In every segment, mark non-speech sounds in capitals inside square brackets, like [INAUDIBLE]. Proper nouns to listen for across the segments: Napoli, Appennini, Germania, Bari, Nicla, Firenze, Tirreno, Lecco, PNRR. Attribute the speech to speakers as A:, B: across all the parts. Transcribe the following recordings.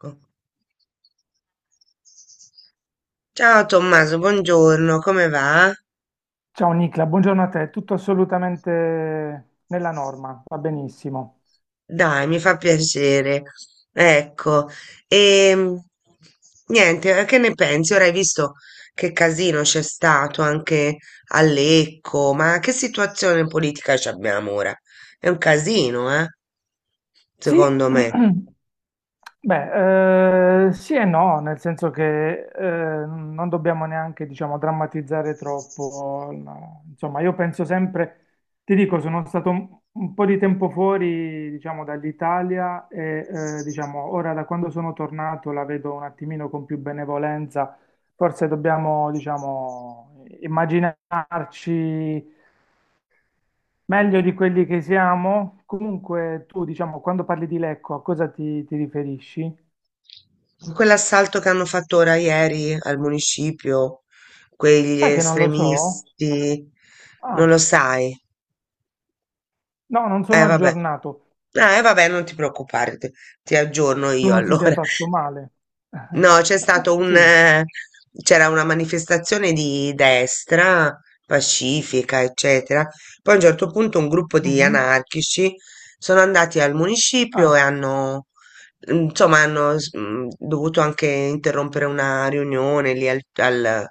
A: Ecco. Ciao Tommaso, buongiorno, come va?
B: Ciao Nicla, buongiorno a te, tutto assolutamente nella norma, va benissimo.
A: Dai, mi fa piacere. Ecco, e niente, che ne pensi? Ora hai visto che casino c'è stato anche a Lecco, ma che situazione politica ci abbiamo ora? È un casino, eh?
B: Sì,
A: Secondo me.
B: [CLEARS THROAT] beh, sì e no, nel senso che non dobbiamo neanche, diciamo, drammatizzare troppo. No. Insomma, io penso sempre, ti dico, sono stato un po' di tempo fuori, diciamo, dall'Italia e, diciamo, ora da quando sono tornato la vedo un attimino con più benevolenza. Forse dobbiamo, diciamo, immaginarci. Meglio di quelli che siamo? Comunque, tu, diciamo, quando parli di Lecco, a cosa ti riferisci?
A: Quell'assalto che hanno fatto ora ieri al municipio, quegli
B: Sai che non lo so?
A: estremisti, non
B: Ah,
A: lo sai?
B: no, non sono
A: Vabbè.
B: aggiornato.
A: Vabbè, non ti preoccupare, ti aggiorno
B: Tu
A: io
B: non ti sei
A: allora.
B: fatto male. [LAUGHS]
A: No, c'è stato
B: Sì.
A: c'era una manifestazione di destra, pacifica, eccetera. Poi a un certo punto un gruppo di
B: Mhm.
A: anarchici sono andati al municipio e
B: Ah,
A: hanno, insomma, dovuto anche interrompere una riunione lì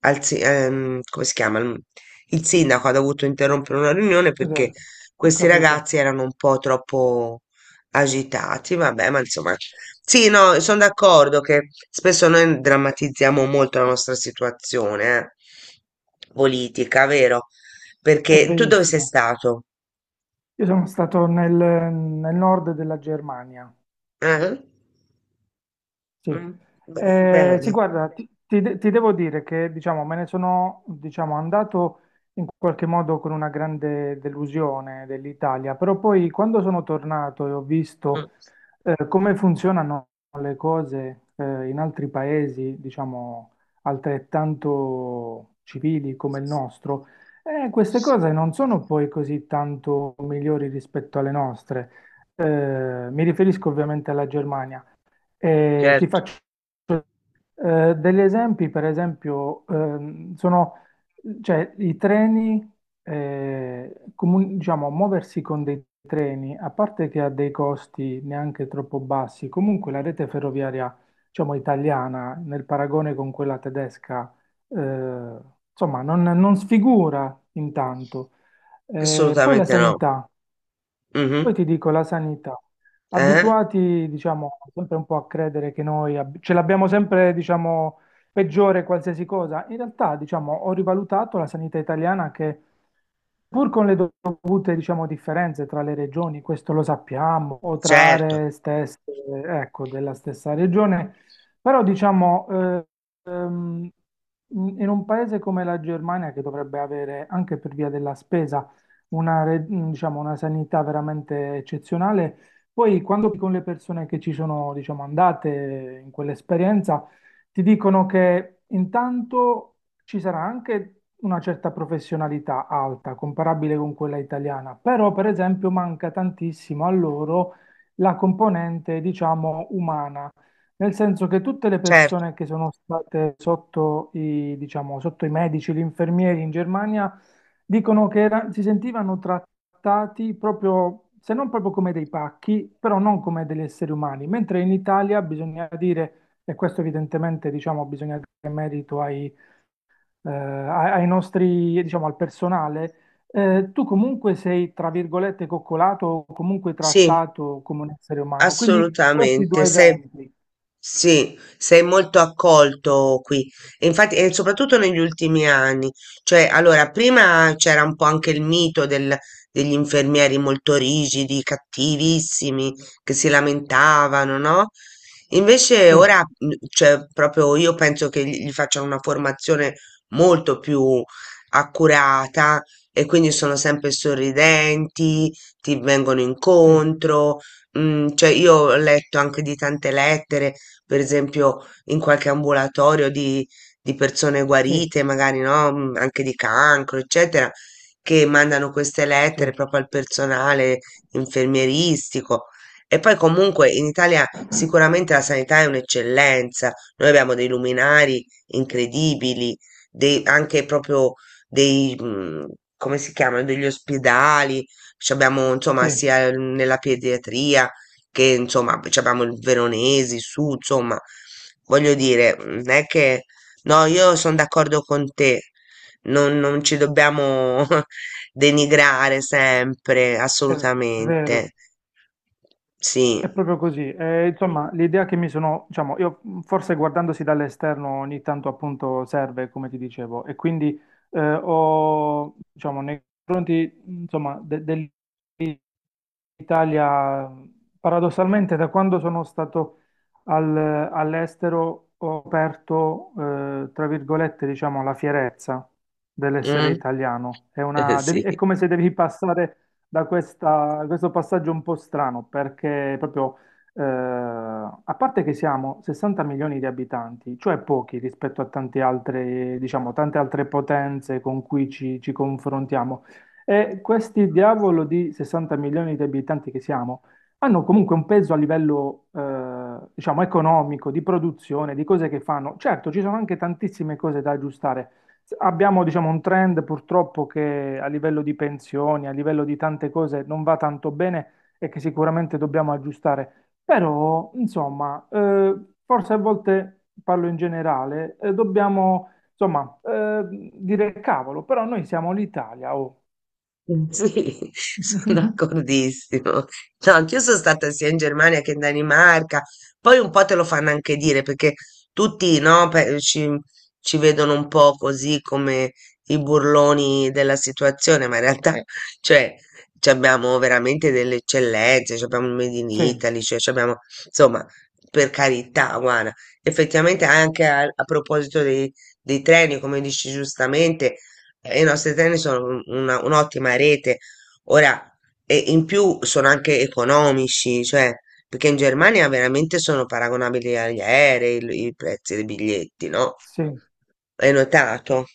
A: come si chiama? Il sindaco ha dovuto interrompere una riunione perché
B: cos'è? Ho
A: questi
B: capito.
A: ragazzi erano un po' troppo agitati, vabbè, ma insomma sì, no, sono d'accordo che spesso noi drammatizziamo molto la nostra situazione, politica, vero?
B: È
A: Perché tu dove sei
B: verissimo.
A: stato?
B: Io sono stato nel nord della Germania.
A: Eh?
B: Sì,
A: Mm,
B: eh, sì,
A: bene.
B: guarda, ti devo dire che diciamo, me ne sono diciamo, andato in qualche modo con una grande delusione dell'Italia, però poi quando sono tornato e ho
A: Mm,
B: visto come funzionano le cose in altri paesi, diciamo, altrettanto civili come il nostro, queste cose non sono poi così tanto migliori rispetto alle nostre. Mi riferisco ovviamente alla Germania. E ti
A: certo,
B: faccio degli esempi, per esempio, sono cioè, i treni, diciamo, muoversi con dei treni, a parte che ha dei costi neanche troppo bassi, comunque la rete ferroviaria, diciamo, italiana, nel paragone con quella tedesca, eh, insomma, non sfigura intanto. Poi la
A: assolutamente no.
B: sanità. Poi
A: Mhm.
B: ti dico la sanità.
A: Eh?
B: Abituati, diciamo, sempre un po' a credere che ce l'abbiamo sempre, diciamo, peggiore qualsiasi cosa. In realtà, diciamo, ho rivalutato la sanità italiana che, pur con le dovute, diciamo, differenze tra le regioni, questo lo sappiamo, o tra
A: Certo,
B: aree stesse, ecco, della stessa regione, però, diciamo, ehm, in un paese come la Germania, che dovrebbe avere, anche per via della spesa, diciamo, una sanità veramente eccezionale. Poi, quando con le persone che ci sono, diciamo, andate in quell'esperienza, ti dicono che intanto ci sarà anche una certa professionalità alta, comparabile con quella italiana, però, per esempio, manca tantissimo a loro la componente, diciamo, umana. Nel senso che tutte le
A: certo,
B: persone che sono state sotto diciamo, sotto i medici, gli infermieri in Germania dicono che si sentivano trattati proprio, se non proprio come dei pacchi, però non come degli esseri umani, mentre in Italia bisogna dire, e questo evidentemente diciamo, bisogna dare merito ai nostri, diciamo, al personale, tu comunque sei, tra virgolette, coccolato o comunque
A: sì,
B: trattato come un essere umano. Quindi questi
A: assolutamente.
B: due
A: Se
B: esempi.
A: sì, sei molto accolto qui. E infatti, e soprattutto negli ultimi anni. Cioè, allora, prima c'era un po' anche degli infermieri molto rigidi, cattivissimi, che si lamentavano, no? Invece
B: Sì,
A: ora, mm, cioè, proprio io penso che gli facciano una formazione molto più accurata e quindi sono sempre sorridenti, ti vengono
B: sì,
A: incontro. Mm, cioè, io ho letto anche di tante lettere per esempio in qualche ambulatorio di persone
B: sì,
A: guarite, magari no, mm, anche di cancro, eccetera, che mandano queste lettere
B: sì,
A: proprio al personale infermieristico. E poi comunque in Italia sicuramente la sanità è un'eccellenza, noi abbiamo dei luminari incredibili, dei- anche proprio dei, mm, come si chiamano, degli ospedali, ci abbiamo insomma
B: sì,
A: sia nella pediatria che insomma poi abbiamo il Veronesi, su, insomma, voglio dire, non è che no, io sono d'accordo con te, non ci dobbiamo [LAUGHS] denigrare sempre,
B: è vero.
A: assolutamente. Sì,
B: È proprio così. Insomma, l'idea che mi sono, diciamo, io forse guardandosi dall'esterno ogni tanto appunto serve, come ti dicevo, e quindi ho, diciamo, nei confronti, insomma, Italia, paradossalmente, da quando sono stato all'estero ho aperto, tra virgolette, diciamo, la fierezza dell'essere
A: mm,
B: italiano. È
A: [LAUGHS] sì.
B: è come se devi passare da questo passaggio un po' strano, perché proprio, a parte che siamo 60 milioni di abitanti, cioè pochi rispetto a tante altre, diciamo, tante altre potenze con cui ci confrontiamo. E questi diavolo di 60 milioni di abitanti che siamo hanno comunque un peso a livello, diciamo, economico, di produzione, di cose che fanno. Certo, ci sono anche tantissime cose da aggiustare. Abbiamo, diciamo, un trend purtroppo che a livello di pensioni, a livello di tante cose non va tanto bene e che sicuramente dobbiamo aggiustare. Però, insomma, forse a volte parlo in generale, dobbiamo, insomma, dire cavolo, però noi siamo l'Italia, oh.
A: Mm, sì, [LAUGHS] sono
B: [LAUGHS]
A: d'accordissimo. No, anch'io sono stata sia in Germania che in Danimarca. Poi un po' te lo fanno anche dire perché tutti, no, ci vedono un po' così come i burloni della situazione, ma in realtà, cioè, ci abbiamo veramente delle eccellenze, ci abbiamo il Made in
B: Sì,
A: Italy, cioè, ci abbiamo, insomma, per carità, guarda, effettivamente anche a proposito dei treni, come dici giustamente. E i nostri treni sono un'ottima rete. Ora, e in più sono anche economici, cioè, perché in Germania veramente sono paragonabili agli aerei i prezzi dei biglietti, no?
B: sì,
A: Hai notato?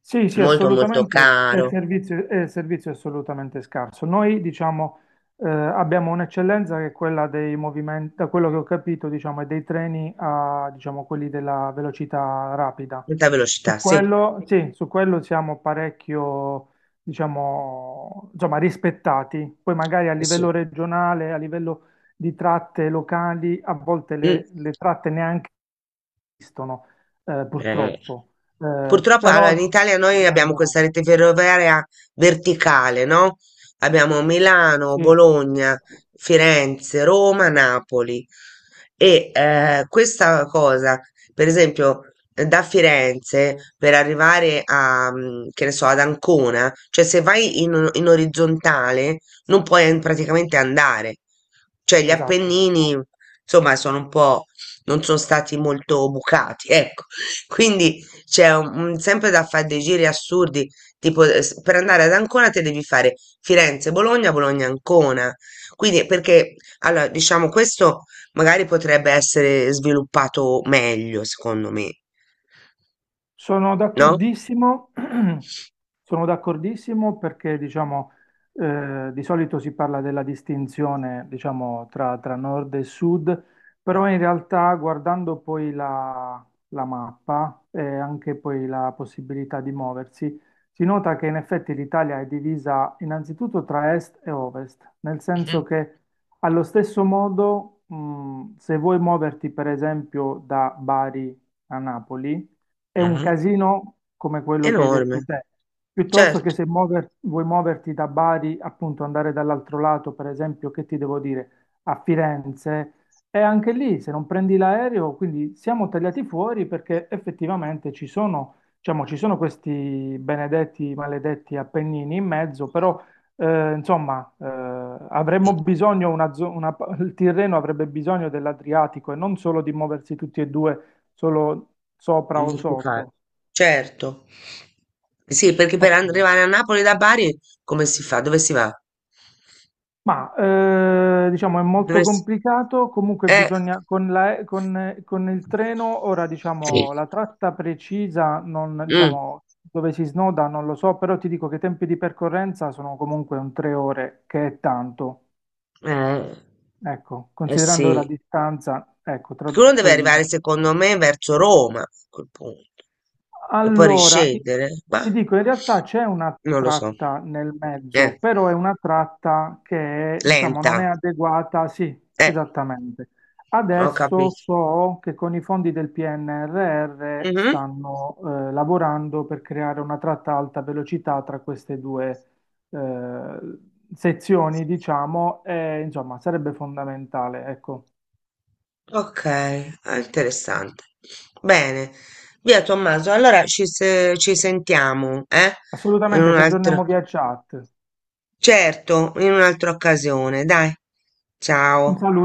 B: sì, sì,
A: Molto, molto
B: assolutamente,
A: caro.
B: e il servizio è assolutamente scarso. Noi, diciamo, abbiamo un'eccellenza che è quella dei movimenti, da quello che ho capito, diciamo, è dei treni a, diciamo, quelli della velocità rapida.
A: Molta
B: Su
A: velocità, sì.
B: quello, sì, su quello siamo parecchio, diciamo, insomma, rispettati. Poi magari a livello
A: Sì.
B: regionale, a livello di tratte locali, a volte
A: Mm.
B: le tratte neanche esistono,
A: Eh,
B: purtroppo, eh,
A: purtroppo allora, in
B: però
A: Italia noi
B: bisogna
A: abbiamo
B: lavorare.
A: questa rete ferroviaria verticale, no? Abbiamo Milano,
B: Sì,
A: Bologna, Firenze, Roma, Napoli. Questa cosa, per esempio, da Firenze per arrivare a, mm, che ne so, ad Ancona, cioè se vai in orizzontale non puoi an- praticamente andare. Cioè gli
B: esatto.
A: Appennini, insomma, sono un po', non sono stati molto bucati, ecco. [LAUGHS] Quindi c'è sempre da fare dei giri assurdi, tipo per andare ad Ancona te devi fare Firenze-Bologna, Bologna-Ancona. Quindi, perché, allora, diciamo, questo magari potrebbe essere sviluppato meglio, secondo me,
B: Sono
A: no?
B: d'accordissimo, [CLEARS THROAT] sono d'accordissimo perché diciamo, di solito si parla della distinzione diciamo, tra nord e sud, però in realtà guardando poi la mappa e anche poi la possibilità di muoversi, si nota che in effetti l'Italia è divisa innanzitutto tra est e ovest, nel senso
A: Mhm,
B: che allo stesso modo, se vuoi muoverti per esempio da Bari a Napoli, è un
A: mhm.
B: casino come quello che hai detto
A: Enorme,
B: te. Piuttosto che
A: certo.
B: se vuoi muoverti da Bari, appunto andare dall'altro lato, per esempio, che ti devo dire, a Firenze, e anche lì se non prendi l'aereo, quindi siamo tagliati fuori perché effettivamente ci sono, diciamo, ci sono questi benedetti, maledetti Appennini in mezzo, però eh, insomma eh, avremmo bisogno, una zo- una pa- il Tirreno avrebbe bisogno dell'Adriatico e non solo di muoversi tutti e due solo sopra o
A: Ingiustificato,
B: sotto.
A: certo. Sì, perché per
B: Ottimo.
A: arrivare a Napoli da Bari, come si fa? Dove si va?
B: Ma diciamo è molto
A: Dovresti...
B: complicato, comunque
A: Eh.
B: bisogna con con il treno, ora
A: Sì.
B: diciamo la tratta precisa, non,
A: Mm.
B: diciamo dove si snoda non lo so, però ti dico che i tempi di percorrenza sono comunque un 3 ore, che è tanto.
A: Eh,
B: Ecco,
A: eh
B: considerando la
A: sì,
B: distanza, ecco, tra,
A: perché uno deve
B: poi
A: arrivare secondo me verso Roma a quel punto e poi
B: Allora, i-
A: riscendere, ma
B: ti dico, in realtà c'è una
A: non lo so.
B: tratta nel mezzo,
A: Eh,
B: però è una tratta che, diciamo, non è
A: lenta,
B: adeguata. Sì,
A: eh,
B: esattamente.
A: ho
B: Adesso
A: capito.
B: so che con i fondi del PNRR
A: Mhm.
B: stanno lavorando per creare una tratta a alta velocità tra queste due eh, sezioni, diciamo, e insomma, sarebbe fondamentale, ecco.
A: Ok, ah, interessante. Bene, via Tommaso, allora ci, se- ci sentiamo, eh? In
B: Assolutamente,
A: un
B: ci
A: altro,
B: aggiorniamo via chat.
A: certo, in un'altra occasione, dai.
B: Un
A: Ciao.
B: saluto.